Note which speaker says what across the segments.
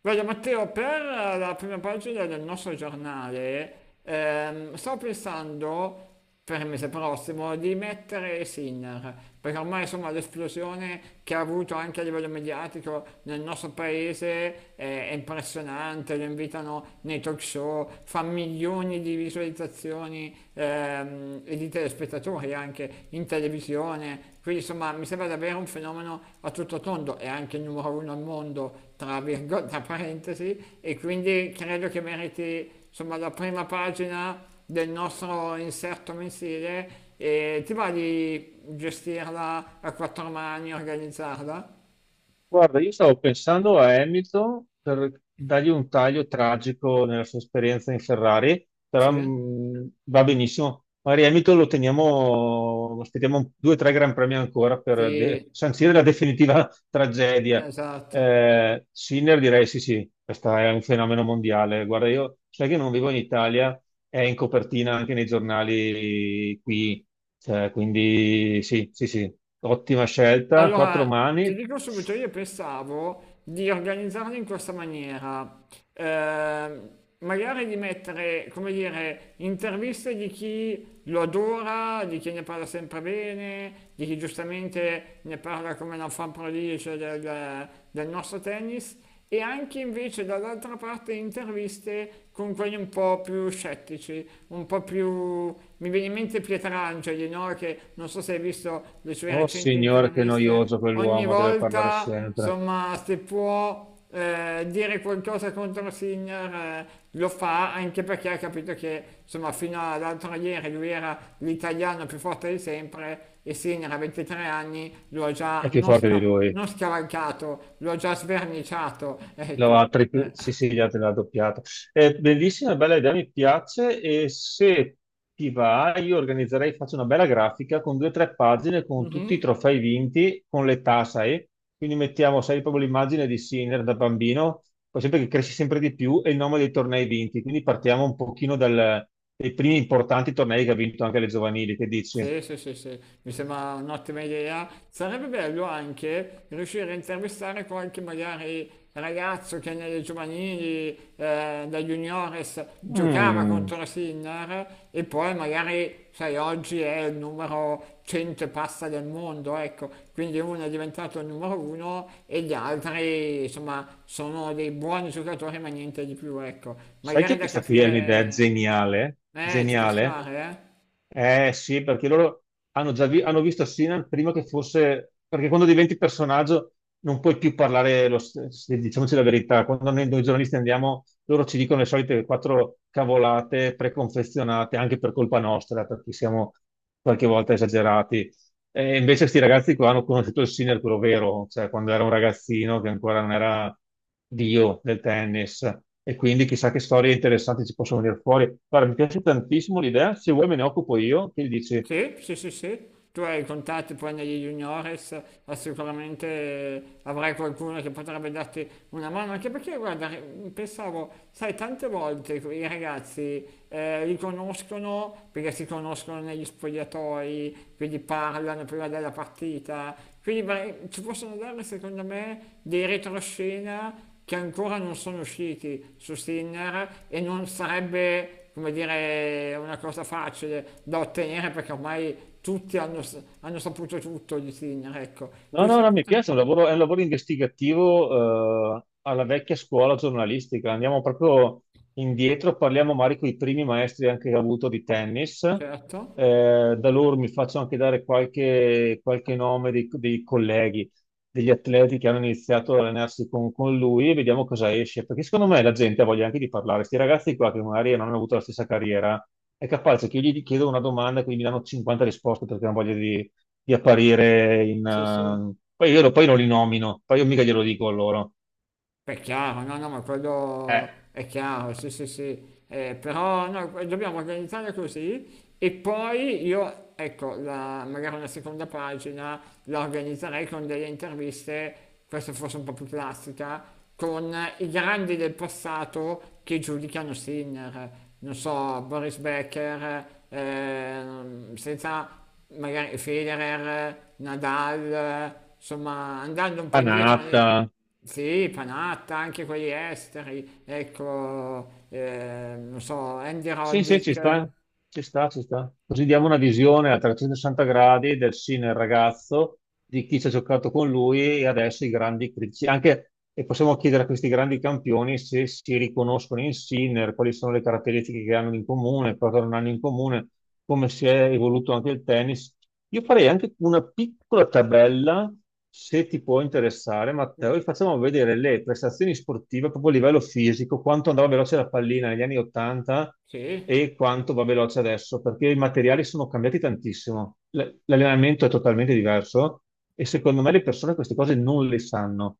Speaker 1: Guarda Matteo, per la prima pagina del nostro giornale, sto pensando per il mese prossimo di mettere Sinner, perché ormai insomma l'esplosione che ha avuto anche a livello mediatico nel nostro paese, è impressionante. Lo invitano nei talk show, fa milioni di visualizzazioni, e di telespettatori anche in televisione. Quindi insomma mi sembra davvero un fenomeno a tutto tondo, è anche il numero uno al mondo, tra parentesi, e quindi credo che meriti insomma la prima pagina del nostro inserto mensile. E ti va di gestirla a quattro mani, organizzarla?
Speaker 2: Guarda, io stavo pensando a Hamilton per dargli un taglio tragico nella sua esperienza in Ferrari, però
Speaker 1: Sì,
Speaker 2: va benissimo. Magari Hamilton lo teniamo, aspettiamo due o tre Gran Premi ancora per
Speaker 1: sì,
Speaker 2: sancire la definitiva tragedia.
Speaker 1: esatto.
Speaker 2: Sinner direi sì, sì, questo è un fenomeno mondiale. Guarda, io sai che non vivo in Italia, è in copertina anche nei giornali qui. Cioè, quindi sì, sì, sì, ottima scelta, quattro
Speaker 1: Allora, ti
Speaker 2: mani.
Speaker 1: dico subito, io pensavo di organizzarli in questa maniera. Ehm, Magari di mettere, come dire, interviste di chi lo adora, di chi ne parla sempre bene, di chi giustamente ne parla come una fan prodigie del nostro tennis, e anche invece dall'altra parte interviste con quelli un po' più scettici, un po' più. Mi viene in mente Pietrangeli, no? Che non so se hai visto le sue
Speaker 2: Oh
Speaker 1: recenti
Speaker 2: signore, che
Speaker 1: interviste,
Speaker 2: noioso
Speaker 1: ogni
Speaker 2: quell'uomo, deve parlare
Speaker 1: volta,
Speaker 2: sempre.
Speaker 1: insomma, se può dire qualcosa contro Sinner, lo fa anche perché ha capito che insomma fino all'altro ieri lui era l'italiano più forte di sempre, e Sinner a 23 anni lo ha
Speaker 2: È
Speaker 1: già
Speaker 2: più
Speaker 1: non,
Speaker 2: forte di
Speaker 1: sca-
Speaker 2: lui.
Speaker 1: non scavalcato, lo ha già sverniciato,
Speaker 2: Lo
Speaker 1: ecco.
Speaker 2: ha
Speaker 1: Eh.
Speaker 2: sì, sì, gli altri l'ha doppiato. È bellissima, bella idea, mi piace. E se ti va, io organizzerei, faccio una bella grafica con due o tre pagine con tutti i
Speaker 1: Mhm.
Speaker 2: trofei vinti, con l'età, sai? Quindi mettiamo, sai, proprio l'immagine di Sinner da bambino, poi sempre che cresci sempre di più, e il nome dei tornei vinti. Quindi partiamo un pochino dal, dai primi importanti tornei che ha vinto anche le giovanili, che dici?
Speaker 1: Sì, sì, sì, sì, mi sembra un'ottima idea. Sarebbe bello anche riuscire a intervistare qualche magari ragazzo che nelle giovanili, da juniores, giocava
Speaker 2: Mm.
Speaker 1: contro la Sinner, e poi magari, sai, oggi è il numero 100 e passa del mondo, ecco, quindi uno è diventato il numero uno e gli altri, insomma, sono dei buoni giocatori ma niente di più, ecco.
Speaker 2: Sai
Speaker 1: Magari
Speaker 2: che
Speaker 1: da
Speaker 2: questa qui è un'idea
Speaker 1: capire,
Speaker 2: geniale,
Speaker 1: ci può
Speaker 2: geniale?
Speaker 1: stare, eh?
Speaker 2: Eh sì, perché loro hanno visto Sinan prima che fosse, perché quando diventi personaggio non puoi più parlare, lo st- se- diciamoci la verità, quando noi giornalisti andiamo, loro ci dicono le solite quattro cavolate preconfezionate, anche per colpa nostra, perché siamo qualche volta esagerati. E invece sti ragazzi qua hanno conosciuto il sì nel puro vero, cioè quando era un ragazzino che ancora non era dio del tennis. E quindi chissà che storie interessanti ci possono venire fuori. Guarda, mi piace tantissimo l'idea, se vuoi me ne occupo io, che gli dici?
Speaker 1: Sì, sì, sì, sì. Tu hai i contatti poi negli juniores, ma sicuramente, avrai qualcuno che potrebbe darti una mano, anche perché guarda, pensavo, sai, tante volte i ragazzi, li conoscono perché si conoscono negli spogliatoi, quindi parlano prima della partita, quindi ci possono dare secondo me dei retroscena che ancora non sono usciti su Sinner, e non sarebbe, come dire, una cosa facile da ottenere perché ormai tutti hanno saputo tutto di Sinner, ecco.
Speaker 2: No, no,
Speaker 1: Così
Speaker 2: no, mi piace, è
Speaker 1: potremmo.
Speaker 2: un lavoro investigativo, alla vecchia scuola giornalistica. Andiamo proprio indietro, parliamo magari con i primi maestri anche che ho avuto di tennis.
Speaker 1: Certo,
Speaker 2: Da loro mi faccio anche dare qualche nome dei colleghi, degli atleti che hanno iniziato ad allenarsi con lui e vediamo cosa esce. Perché secondo me la gente ha voglia anche di parlare. Questi ragazzi qua che magari non hanno avuto la stessa carriera, è capace che io gli chiedo una domanda e quindi mi danno 50 risposte perché hanno voglia di apparire in...
Speaker 1: sì, sì.
Speaker 2: poi poi non li nomino, poi io mica glielo dico a loro.
Speaker 1: È chiaro, no, no, ma quello
Speaker 2: Eh,
Speaker 1: è chiaro, sì, sì, sì. Però no, dobbiamo organizzare così. E poi io, ecco, magari una seconda pagina la organizzerei con delle interviste, questa forse un po' più classica, con i grandi del passato che giudicano Sinner, non so, Boris Becker, senza magari Federer, Nadal, insomma, andando un po' indietro.
Speaker 2: Panatta,
Speaker 1: Sì, Panatta, anche quelli esteri, ecco, non so, Andy, sì, sì,
Speaker 2: sì, sì, ci
Speaker 1: Roddick,
Speaker 2: sta, ci sta, ci sta. Così diamo una visione a 360 gradi del sì nel ragazzo, di chi ci ha giocato con lui e adesso i grandi critici. Anche, e possiamo chiedere a questi grandi campioni se si riconoscono in Sinner, quali sono le caratteristiche che hanno in comune, cosa non hanno in comune, come si è evoluto anche il tennis. Io farei anche una piccola tabella, se ti può interessare,
Speaker 1: mm,
Speaker 2: Matteo, e facciamo vedere le prestazioni sportive proprio a livello fisico, quanto andava veloce la pallina negli anni 80
Speaker 1: sì,
Speaker 2: e quanto va veloce adesso, perché i materiali sono cambiati tantissimo. L'allenamento è totalmente diverso e secondo me le persone queste cose non le sanno.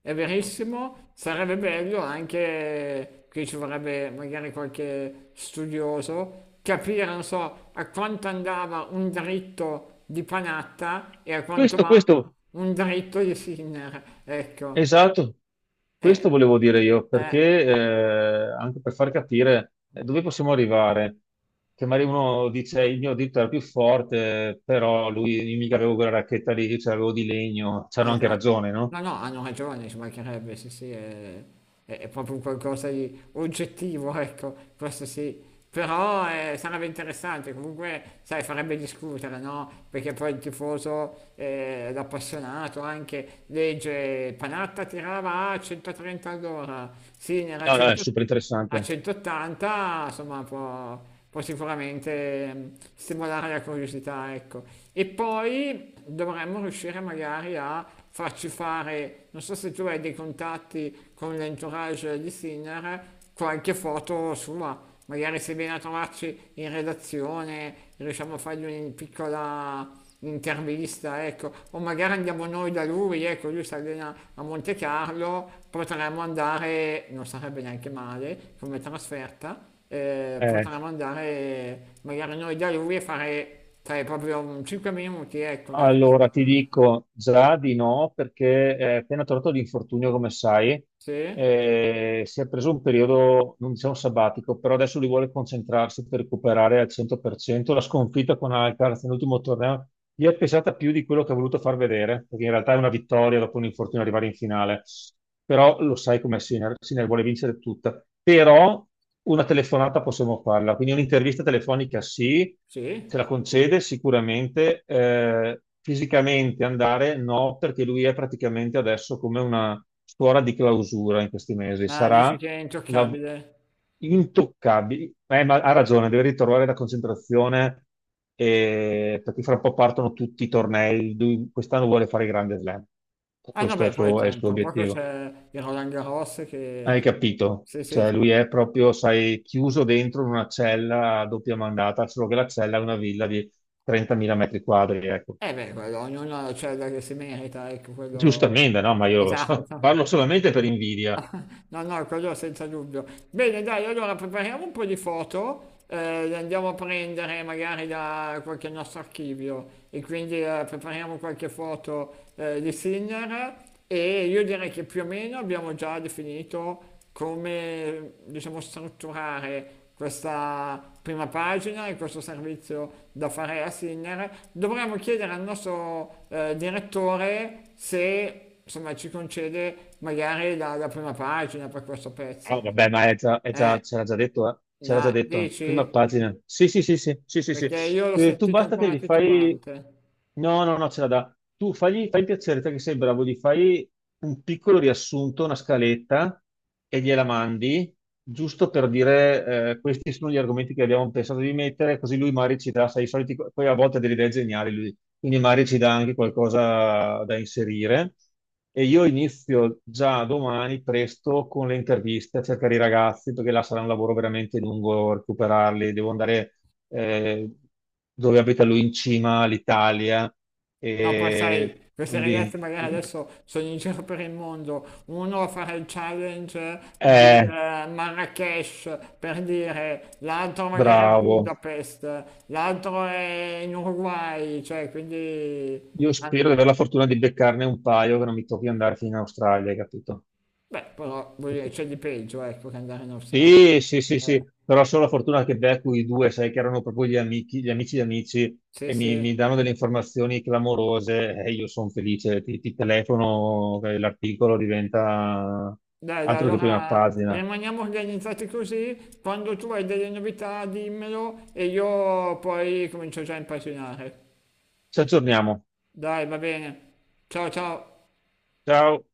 Speaker 1: è verissimo. Sarebbe bello anche, qui ci vorrebbe magari qualche studioso, capire, non so, a quanto andava un dritto di Panatta e a quanto
Speaker 2: Questo,
Speaker 1: va
Speaker 2: questo,
Speaker 1: un dritto di Sinner, ecco,
Speaker 2: esatto,
Speaker 1: eh,
Speaker 2: questo volevo dire io,
Speaker 1: eh,
Speaker 2: perché anche per far capire dove possiamo arrivare, che magari uno dice il mio dito era più forte, però lui io mica avevo quella racchetta lì, ce l'avevo di legno, c'hanno anche
Speaker 1: esatto.
Speaker 2: ragione, no?
Speaker 1: No, no, hanno ragione, ci mancherebbe, sì, sì, è proprio un qualcosa di oggettivo, ecco, questo sì. Però, sarebbe interessante, comunque, sai, farebbe discutere, no? Perché poi il tifoso, l'appassionato anche, legge Panatta tirava a 130 all'ora, Sinner a
Speaker 2: No, no, è super
Speaker 1: a
Speaker 2: interessante.
Speaker 1: 180, insomma, può sicuramente stimolare la curiosità, ecco. E poi dovremmo riuscire magari a farci fare, non so se tu hai dei contatti con l'entourage di Sinner, qualche foto sua. Magari se viene a trovarci in redazione, riusciamo a fargli una piccola intervista, ecco, o magari andiamo noi da lui, ecco, lui si allena a Monte Carlo, potremmo andare, non sarebbe neanche male come trasferta, potremmo andare magari noi da lui e fare, sai, proprio 5 minuti, ecco, una cosa.
Speaker 2: Allora, ti dico già di no, perché è appena tornato l'infortunio, come sai,
Speaker 1: Sì?
Speaker 2: si è preso un periodo, non diciamo sabbatico, però adesso lui vuole concentrarsi per recuperare al 100%. La sconfitta con Alcaraz nell'ultimo torneo gli è pesata più di quello che ha voluto far vedere, perché in realtà è una vittoria dopo un infortunio arrivare in finale. Però lo sai com'è Sinner, Sinner vuole vincere tutta. Però una telefonata possiamo farla, quindi un'intervista telefonica sì, ce
Speaker 1: Sì?
Speaker 2: la concede sicuramente. Fisicamente andare no, perché lui è praticamente adesso come una suora di clausura in questi mesi.
Speaker 1: Ah, dici che è
Speaker 2: La...
Speaker 1: intoccabile.
Speaker 2: Intoccabile. Ma ha ragione, deve ritrovare la concentrazione, perché fra un po' partono tutti i tornei. Lui quest'anno vuole fare il grande slam.
Speaker 1: Ah no,
Speaker 2: Questo
Speaker 1: beh, poi
Speaker 2: è il
Speaker 1: tra
Speaker 2: suo
Speaker 1: tra poco
Speaker 2: obiettivo.
Speaker 1: c'è il Roland Garros
Speaker 2: Hai
Speaker 1: che.
Speaker 2: capito?
Speaker 1: Sì, sì,
Speaker 2: Cioè,
Speaker 1: che.
Speaker 2: lui è proprio, sai, chiuso dentro in una cella a doppia mandata, solo che la cella è una villa di 30.000 metri quadri, ecco.
Speaker 1: Eh beh, quello, ognuno c'è da che si merita, ecco, quello.
Speaker 2: Giustamente, no? Ma io lo
Speaker 1: Esatto.
Speaker 2: so. Parlo solamente per invidia.
Speaker 1: No, no, quello senza dubbio. Bene, dai, allora prepariamo un po' di foto, le andiamo a prendere magari da qualche nostro archivio, e quindi, prepariamo qualche foto, di Sinner. E io direi che più o meno abbiamo già definito, come diciamo, strutturare questa prima pagina e questo servizio da fare a Sinner. Dovremmo chiedere al nostro, direttore se insomma ci concede magari la prima pagina per questo
Speaker 2: Ah,
Speaker 1: pezzo.
Speaker 2: vabbè, ma è già,
Speaker 1: Eh,
Speaker 2: ce l'ha già detto, eh. Ce l'ha già
Speaker 1: la
Speaker 2: detto, prima
Speaker 1: dici?
Speaker 2: pagina. Sì, sì, sì, sì, sì, sì, sì.
Speaker 1: Perché io l'ho
Speaker 2: Tu
Speaker 1: sentito
Speaker 2: basta che
Speaker 1: ancora
Speaker 2: gli fai...
Speaker 1: titubante.
Speaker 2: No, no, no, ce la dà. Tu fagli, fai il piacere, te che sei bravo, gli fai un piccolo riassunto, una scaletta, e gliela mandi, giusto per dire, questi sono gli argomenti che abbiamo pensato di mettere, così lui magari ci dà, sai, i soliti... Poi a volte ha delle idee geniali, lui quindi magari ci dà anche qualcosa da inserire. E io inizio già domani presto con le interviste a cercare i ragazzi, perché là sarà un lavoro veramente lungo recuperarli. Devo andare eh, dove abita lui in cima all'Italia.
Speaker 1: No, poi
Speaker 2: E
Speaker 1: sai, queste
Speaker 2: quindi,
Speaker 1: ragazze magari adesso sono in giro per il mondo, uno a fare il challenge di,
Speaker 2: eh,
Speaker 1: Marrakesh per dire, l'altro magari a
Speaker 2: bravo.
Speaker 1: Budapest, l'altro è in Uruguay, cioè quindi.
Speaker 2: Io
Speaker 1: Ah no,
Speaker 2: spero di avere la fortuna di beccarne un paio che non mi tocchi andare fino in Australia, hai capito?
Speaker 1: beh, però voglio
Speaker 2: Ok.
Speaker 1: dire, c'è di peggio, ecco, che andare in Australia.
Speaker 2: Sì, sì, sì,
Speaker 1: Eh,
Speaker 2: sì, però solo la fortuna che becco i due, sai che erano proprio gli amici di amici
Speaker 1: sì,
Speaker 2: e mi
Speaker 1: sì.
Speaker 2: danno delle informazioni clamorose e io sono felice, ti telefono, l'articolo diventa
Speaker 1: Dai, dai,
Speaker 2: altro che prima
Speaker 1: allora
Speaker 2: pagina.
Speaker 1: rimaniamo organizzati così, quando tu hai delle novità dimmelo e io poi comincio già a impazzinare.
Speaker 2: Ci aggiorniamo.
Speaker 1: Dai, va bene. Ciao ciao.
Speaker 2: Ciao.